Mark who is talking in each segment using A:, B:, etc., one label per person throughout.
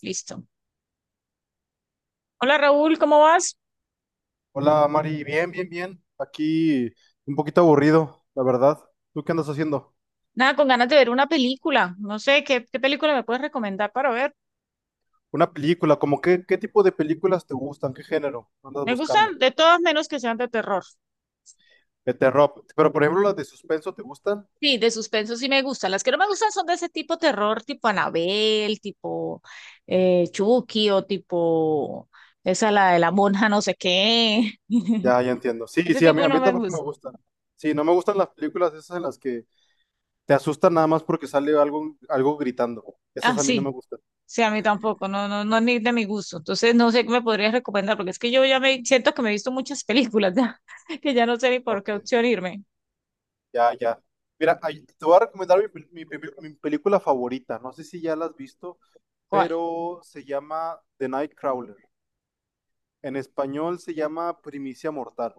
A: Listo. Hola Raúl, ¿cómo vas?
B: Hola Mari, bien, bien, bien. Aquí un poquito aburrido, la verdad. ¿Tú qué andas haciendo?
A: Nada, con ganas de ver una película. No sé, ¿qué película me puedes recomendar para ver?
B: ¿Una película, como qué tipo de películas te gustan? ¿Qué género andas
A: Me gustan
B: buscando?
A: de todas menos que sean de terror.
B: De terror. Pero por ejemplo, las de suspenso, ¿te gustan?
A: Sí, de suspenso sí me gustan. Las que no me gustan son de ese tipo terror, tipo Anabel, tipo Chucky o tipo esa la de la monja no sé qué.
B: Ya, ya entiendo. Sí,
A: Ese
B: sí, a mí,
A: tipo
B: a
A: no
B: mí
A: me
B: tampoco me
A: gusta.
B: gustan. Sí, no me gustan las películas esas en las que te asustan nada más porque sale algo gritando. Esas
A: Ah,
B: a mí no me
A: sí,
B: gustan.
A: sí, a mí tampoco, no, no, no, ni de mi gusto. Entonces no sé qué me podrías recomendar, porque es que yo ya me siento que me he visto muchas películas ya, que ya no sé ni por qué
B: Ok,
A: opción irme.
B: ya, ya. Mira, te voy a recomendar mi película favorita. No sé si ya la has visto.
A: ¿Cuál?
B: Pero se llama The Nightcrawler. En español se llama Primicia Mortal.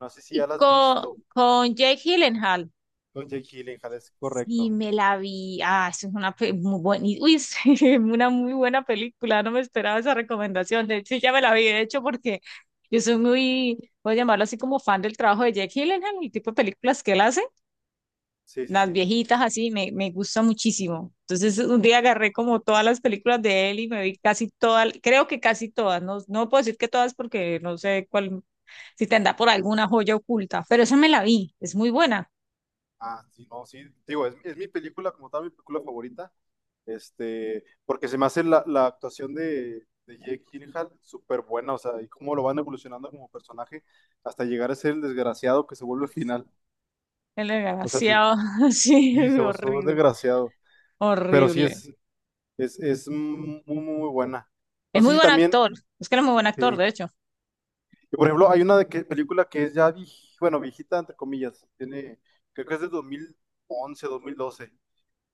B: No sé si
A: Y
B: ya la has
A: con,
B: visto.
A: con Jake Gyllenhaal.
B: Con Jake Gyllenhaal, es
A: Sí,
B: correcto.
A: me la vi. Ah, eso es una muy buena, uy, es una muy buena película. No me esperaba esa recomendación. De hecho, ya me la vi, de hecho, porque yo soy muy, voy a llamarlo así como fan del trabajo de Jake Gyllenhaal, el tipo de películas que él hace,
B: Sí, sí,
A: las
B: sí.
A: viejitas así, me gusta muchísimo. Entonces, un día agarré como todas las películas de él y me vi casi todas, creo que casi todas. No, no puedo decir que todas porque no sé cuál si te anda por alguna joya oculta. Pero esa me la vi, es muy buena.
B: Ah, sí, no, sí. Digo, es mi película como tal, mi película favorita. Porque se me hace la actuación de Jake Gyllenhaal súper buena, o sea, y cómo lo van evolucionando como personaje hasta llegar a ser el desgraciado que se vuelve al final.
A: El
B: O sea, sí,
A: desgraciado, sí,
B: sí, se volvió
A: horrible,
B: desgraciado. Pero sí
A: horrible.
B: es muy, muy, muy buena. No
A: Es
B: sé
A: muy
B: si
A: buen
B: también.
A: actor, es que era muy buen actor,
B: Sí.
A: de hecho.
B: Y por ejemplo, hay película que es ya, bueno, viejita, entre comillas, tiene, creo que es de 2011, 2012,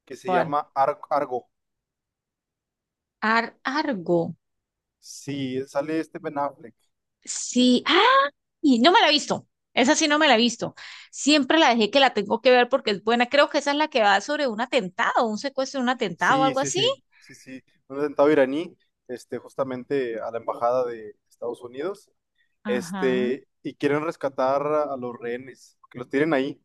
B: que se
A: ¿Cuál?
B: llama Argo.
A: Ar Argo,
B: Sí, sale este Ben Affleck.
A: sí. ¡Ay! No me la he visto, esa sí no me la he visto. Siempre la dejé que la tengo que ver porque es buena. Creo que esa es la que va sobre un atentado, un secuestro, un atentado o
B: Sí,
A: algo
B: sí,
A: así.
B: sí, sí, sí. Un atentado iraní, justamente a la embajada de Estados Unidos,
A: Ajá.
B: y quieren rescatar a los rehenes, que los tienen ahí.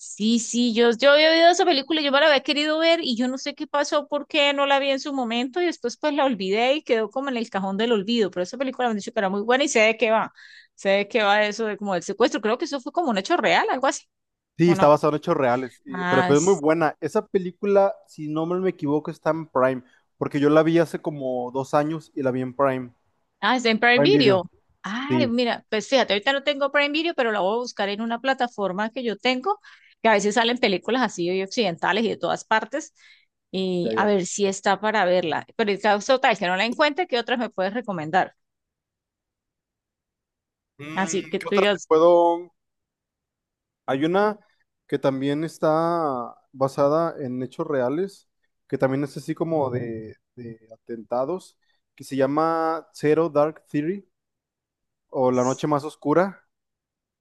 A: Sí, sí, yo había oído esa película, yo me la había querido ver y yo no sé qué pasó, por qué no la vi en su momento y después pues la olvidé y quedó como en el cajón del olvido, pero esa película me han dicho que era muy buena y sé de qué va, sé de qué va eso de como del secuestro, creo que eso fue como un hecho real, algo así,
B: Sí,
A: ¿o
B: está
A: no?
B: basado en hechos reales, y- pero,
A: Ah,
B: pero es muy buena. Esa película, si no me equivoco, está en Prime, porque yo la vi hace como dos años y la vi en Prime,
A: ah, está en Prime
B: Prime Video.
A: Video. Ay,
B: Sí,
A: mira, pues fíjate, ahorita no tengo Prime Video, pero la voy a buscar en una plataforma que yo tengo, que a veces salen películas así y occidentales y de todas partes, y
B: ya,
A: a
B: ya.
A: ver si está para verla. Pero en caso tal que no la encuentre, ¿qué otras me puedes recomendar? Así que
B: ¿Qué
A: tú
B: otra te
A: digas,
B: puedo? Hay una que también está basada en hechos reales, que también es así como de atentados, que se llama Zero Dark Theory o La
A: "S-
B: Noche Más Oscura,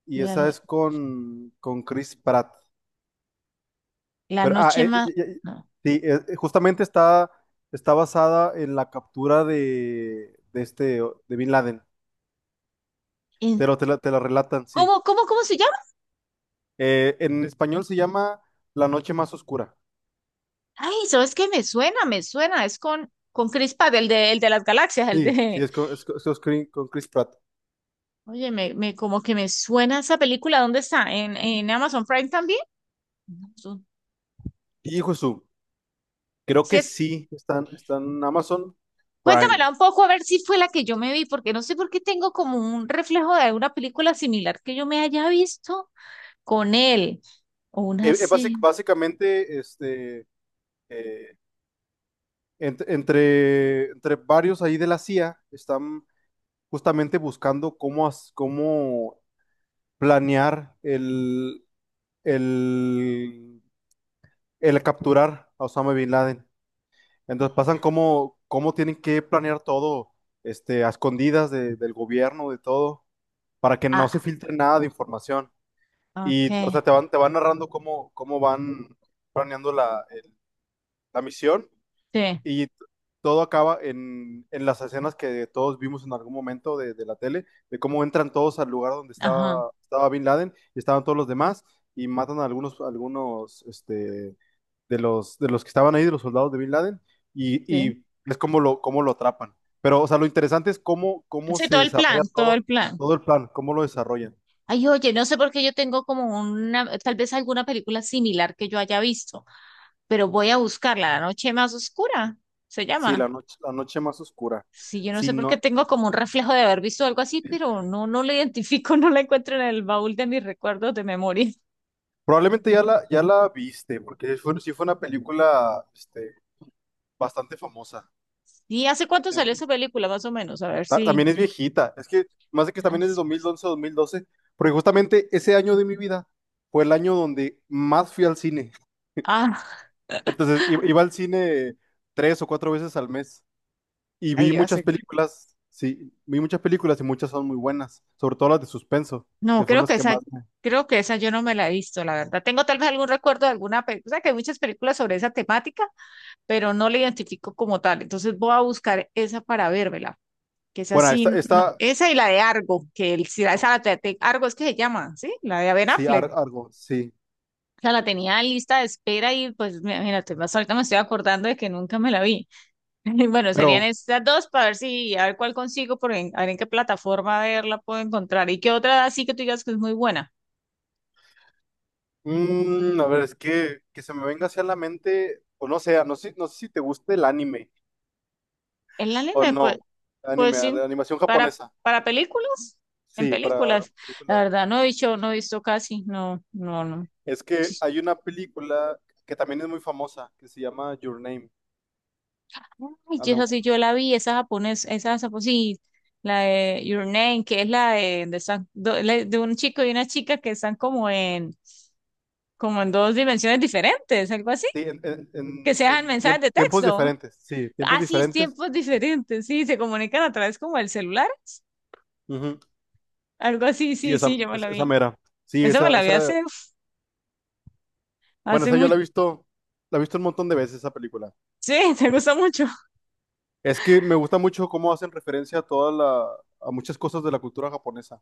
B: y
A: mira,
B: esa
A: no,
B: es con Chris Pratt.
A: la
B: Pero,
A: noche más... No.
B: sí, justamente está basada en la captura de Bin Laden.
A: En-
B: Te la relatan, sí.
A: ¿Cómo se llama?
B: En español se llama La noche más oscura.
A: Ay, ¿sabes qué? Me suena, me suena. Es con Chris Pratt, el de las galaxias, el
B: Sí, sí,
A: de...
B: es con Chris Pratt.
A: Oye, como que me suena esa película. ¿Dónde está? ¿En Amazon Prime también? Amazon.
B: Hijo de su, creo
A: Si
B: que
A: es,
B: sí, están en Amazon Prime.
A: cuéntamela un poco a ver si fue la que yo me vi, porque no sé por qué tengo como un reflejo de alguna película similar que yo me haya visto con él. O una así.
B: Básicamente, eh, entre varios ahí de la CIA están justamente buscando cómo planear el, el capturar a Osama Bin Laden. Entonces pasan cómo tienen que planear todo, a escondidas del gobierno, de todo, para que no
A: Ah,
B: se filtre nada de información.
A: ok.
B: Y, o sea, te van narrando cómo van planeando la misión.
A: Sí,
B: Y todo acaba en las escenas que todos vimos en algún momento de la tele, de cómo entran todos al lugar donde
A: ajá.
B: estaba Bin Laden y estaban todos los demás y matan a de los que estaban ahí, de los soldados de Bin Laden, y,
A: Sí.
B: y es como cómo lo atrapan. Pero, o sea, lo interesante es cómo
A: Sí,
B: se
A: todo el
B: desarrolla
A: plan, todo
B: todo,
A: el plan.
B: todo el plan, cómo lo desarrollan.
A: Ay, oye, no sé por qué yo tengo como una, tal vez alguna película similar que yo haya visto, pero voy a buscarla, La noche más oscura, se
B: Sí,
A: llama.
B: la noche más oscura.
A: Sí, yo no
B: Sí,
A: sé por qué
B: no,
A: tengo como un reflejo de haber visto algo así, pero no, no la identifico, no la encuentro en el baúl de mis recuerdos de memoria.
B: probablemente ya la viste, porque sí fue una película, bastante famosa.
A: ¿Y hace cuánto salió
B: En-
A: esa película, más o menos? A ver si.
B: También es viejita. Es que más de que
A: Ay,
B: también es de
A: sí.
B: dos mil once, 2012 porque justamente ese año de mi vida fue el año donde más fui al cine.
A: Ah,
B: Entonces iba al cine 3 o 4 veces al mes y vi
A: ahí va a
B: muchas
A: seguir.
B: películas. Sí, vi muchas películas y muchas son muy buenas, sobre todo las de suspenso,
A: No,
B: que fueron
A: creo que
B: las que
A: esa,
B: más me...
A: creo que esa yo no me la he visto, la verdad. Tengo tal vez algún recuerdo de alguna película, o sea, que hay muchas películas sobre esa temática, pero no la identifico como tal. Entonces voy a buscar esa para vérmela, que es
B: Bueno,
A: así, esa sí no- esa y la de Argo, que el, si la- esa
B: ok,
A: la de Argo es que se llama, ¿sí? La de Ben
B: sí,
A: Affleck.
B: Argo, sí,
A: O sea, la tenía en lista de espera y pues mira, imagínate, más ahorita me estoy acordando de que nunca me la vi. Bueno, serían
B: pero
A: estas dos para ver si, a ver cuál consigo, a ver en qué plataforma verla puedo encontrar. ¿Y qué otra así que tú digas que es muy buena?
B: a ver, es que se me venga hacia la mente, o no sé, no sé, no sé si te guste el anime.
A: El
B: O
A: anime, pues,
B: no,
A: pues
B: anime,
A: sí,
B: de animación
A: para,
B: japonesa.
A: para películas, en
B: Sí, para
A: películas. La
B: películas.
A: verdad, no he dicho, no he visto casi, no, no, no.
B: Es que hay una película que también es muy famosa, que se llama Your Name.
A: Ay,
B: A
A: y
B: lo
A: esa sí
B: mejor.
A: yo la vi, esa japonés, sí, la de Your Name, que es la de están la de un chico y una chica que están como en dos dimensiones diferentes, algo así,
B: Sí,
A: que sean mensajes de
B: tiempos
A: texto.
B: diferentes. Sí, tiempos
A: Así es,
B: diferentes.
A: tiempos diferentes, sí, se comunican a través como el celular,
B: Ujú.
A: algo así,
B: Sí,
A: sí,
B: esa,
A: sí, yo me la
B: esa
A: vi.
B: mera. Sí,
A: Esa me
B: esa,
A: la vi
B: esa.
A: hace, uf,
B: Bueno,
A: hace
B: esa yo
A: mucho,
B: la he visto un montón de veces esa película.
A: sí, te
B: Es,
A: gusta mucho.
B: es que me gusta mucho cómo hacen referencia a muchas cosas de la cultura japonesa.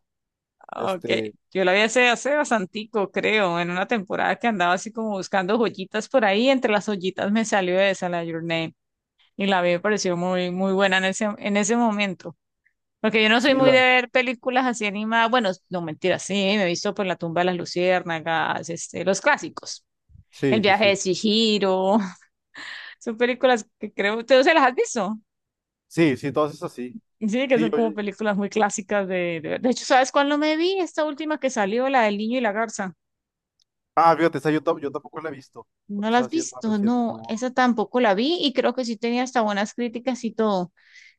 A: Ok,
B: Este,
A: yo la vi hace bastantico, creo, en una temporada que andaba así como buscando joyitas por ahí, entre las joyitas me salió esa, la de Your Name, y la vi, me pareció muy, muy buena en ese momento. Porque yo no soy
B: sí,
A: muy de ver películas así animadas. Bueno, no mentira, sí, me he visto por La tumba de las luciérnagas, los clásicos. El
B: sí, sí,
A: viaje de
B: sí.
A: Chihiro. Son películas que creo, ¿tú se las has visto?
B: Sí, sí, todas esas sí.
A: Sí, que
B: Sí,
A: son
B: yo,
A: como películas muy clásicas de hecho, ¿sabes cuál no me vi? Esta última que salió, la del niño y la garza.
B: Ah, fíjate, esa yo tampoco la he visto.
A: No
B: Porque
A: la has
B: esa sí es más
A: visto,
B: reciente,
A: no,
B: no.
A: esa tampoco la vi y creo que sí tenía hasta buenas críticas y todo.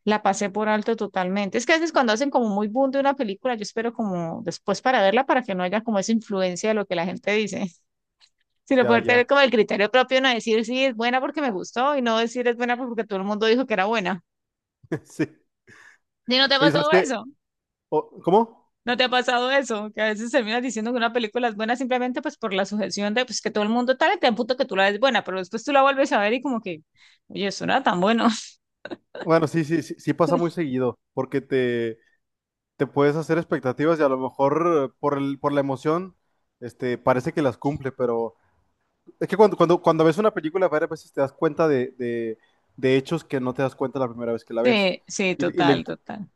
A: La pasé por alto totalmente. Es que a veces cuando hacen como muy boom de una película, yo espero como después para verla para que no haya como esa influencia de lo que la gente dice, sino
B: Ya,
A: poder tener
B: ya.
A: como el criterio propio, no decir sí es buena porque me gustó y no decir es buena porque todo el mundo dijo que era buena.
B: Sí.
A: ¿Y no te ha
B: Oye, ¿sabes
A: pasado
B: qué?
A: eso?
B: ¿Cómo?
A: ¿No te ha pasado eso? Que a veces terminas diciendo que una película es buena simplemente pues por la sujeción de pues que todo el mundo tal y te punto que tú la ves buena, pero después tú la vuelves a ver y como que, oye, eso no era tan bueno.
B: Bueno, sí, sí, sí, sí pasa muy seguido. Porque te puedes hacer expectativas y a lo mejor por la emoción, parece que las cumple, pero es que cuando ves una película varias veces te das cuenta de hechos que no te das cuenta la primera vez que la ves.
A: Sí, sí,
B: Y
A: total, total.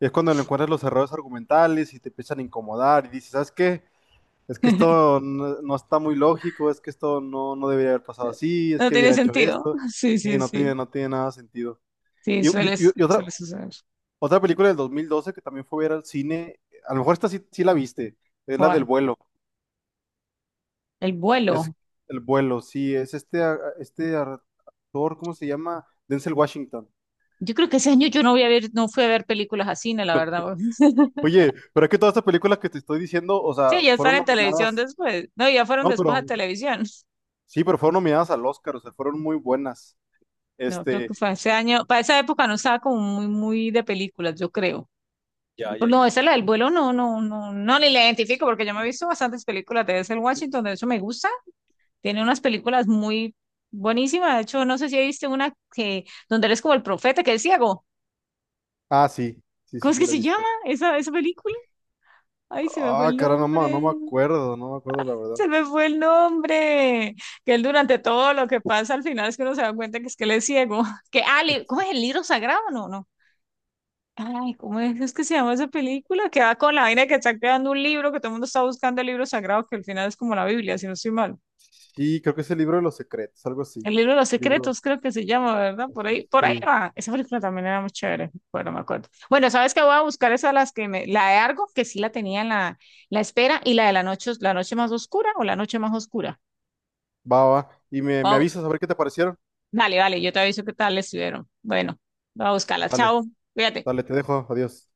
B: es cuando le encuentras los errores argumentales y te empiezan a incomodar y dices, ¿sabes qué? Es que esto no está muy lógico, es que esto no debería haber pasado así, es
A: No
B: que
A: tiene
B: hubiera hecho
A: sentido.
B: esto,
A: Sí,
B: y
A: sí,
B: no tiene,
A: sí.
B: no tiene nada de sentido.
A: Sí,
B: Y, y-
A: suele,
B: y- y otra,
A: suele suceder.
B: otra película del 2012 que también fue a ver al cine, a lo mejor esta sí, sí la viste, es la del
A: ¿Cuál?
B: vuelo,
A: El
B: es
A: vuelo.
B: el vuelo, sí, es este, este actor, ¿cómo se llama? Denzel Washington.
A: Yo creo que ese año yo no voy a ver, no fui a ver películas a cine, la verdad.
B: Oye, pero es que todas estas películas que te estoy diciendo, o sea,
A: Sí, ya están
B: fueron
A: en televisión
B: nominadas,
A: después. No, ya fueron
B: no,
A: después a
B: pero
A: televisión.
B: sí, pero fueron nominadas al Oscar, o sea, fueron muy buenas.
A: No, creo
B: Este,
A: que fue ese año. Para esa época no estaba como muy, muy de películas, yo creo. Pues no, esa es la del vuelo, no, no, no, no, ni la identifico porque yo me he visto bastantes películas de ese Washington, de eso me gusta. Tiene unas películas muy buenísimas. De hecho, no sé si viste una que donde él es como el profeta, que es ciego.
B: sí, sí,
A: ¿Cómo
B: sí,
A: es
B: se
A: que
B: la he
A: se llama
B: visto.
A: esa película? Ay, se me fue
B: Ah,
A: el
B: cara, no, no
A: nombre.
B: me acuerdo, no me acuerdo la verdad.
A: Se me fue el nombre. Que él durante todo lo que pasa al final es que uno se da cuenta que es que él es ciego. Que, ah, ¿cómo es el libro sagrado? No, no. Ay, ¿cómo es que se llama esa película? Que va con la vaina de que está creando un libro, que todo el mundo está buscando el libro sagrado, que al final es como la Biblia, si no estoy mal.
B: Sí, creo que es el libro de los secretos, algo así.
A: El libro de los
B: Libro,
A: secretos, creo que se llama, ¿verdad?
B: así,
A: Por ahí
B: sí.
A: va. Esa película también era muy chévere, bueno, me acuerdo. Bueno, sabes que voy a buscar esa las que me, la de Argo, que sí la tenía en la espera, y la de la noche más oscura o la noche más oscura.
B: Va, va. Y me
A: Wow.
B: avisas a ver qué te parecieron.
A: Dale, dale, yo te aviso qué tal les estuvieron. Bueno, voy a buscarla.
B: Dale,
A: Chao, cuídate.
B: dale, te dejo. Adiós.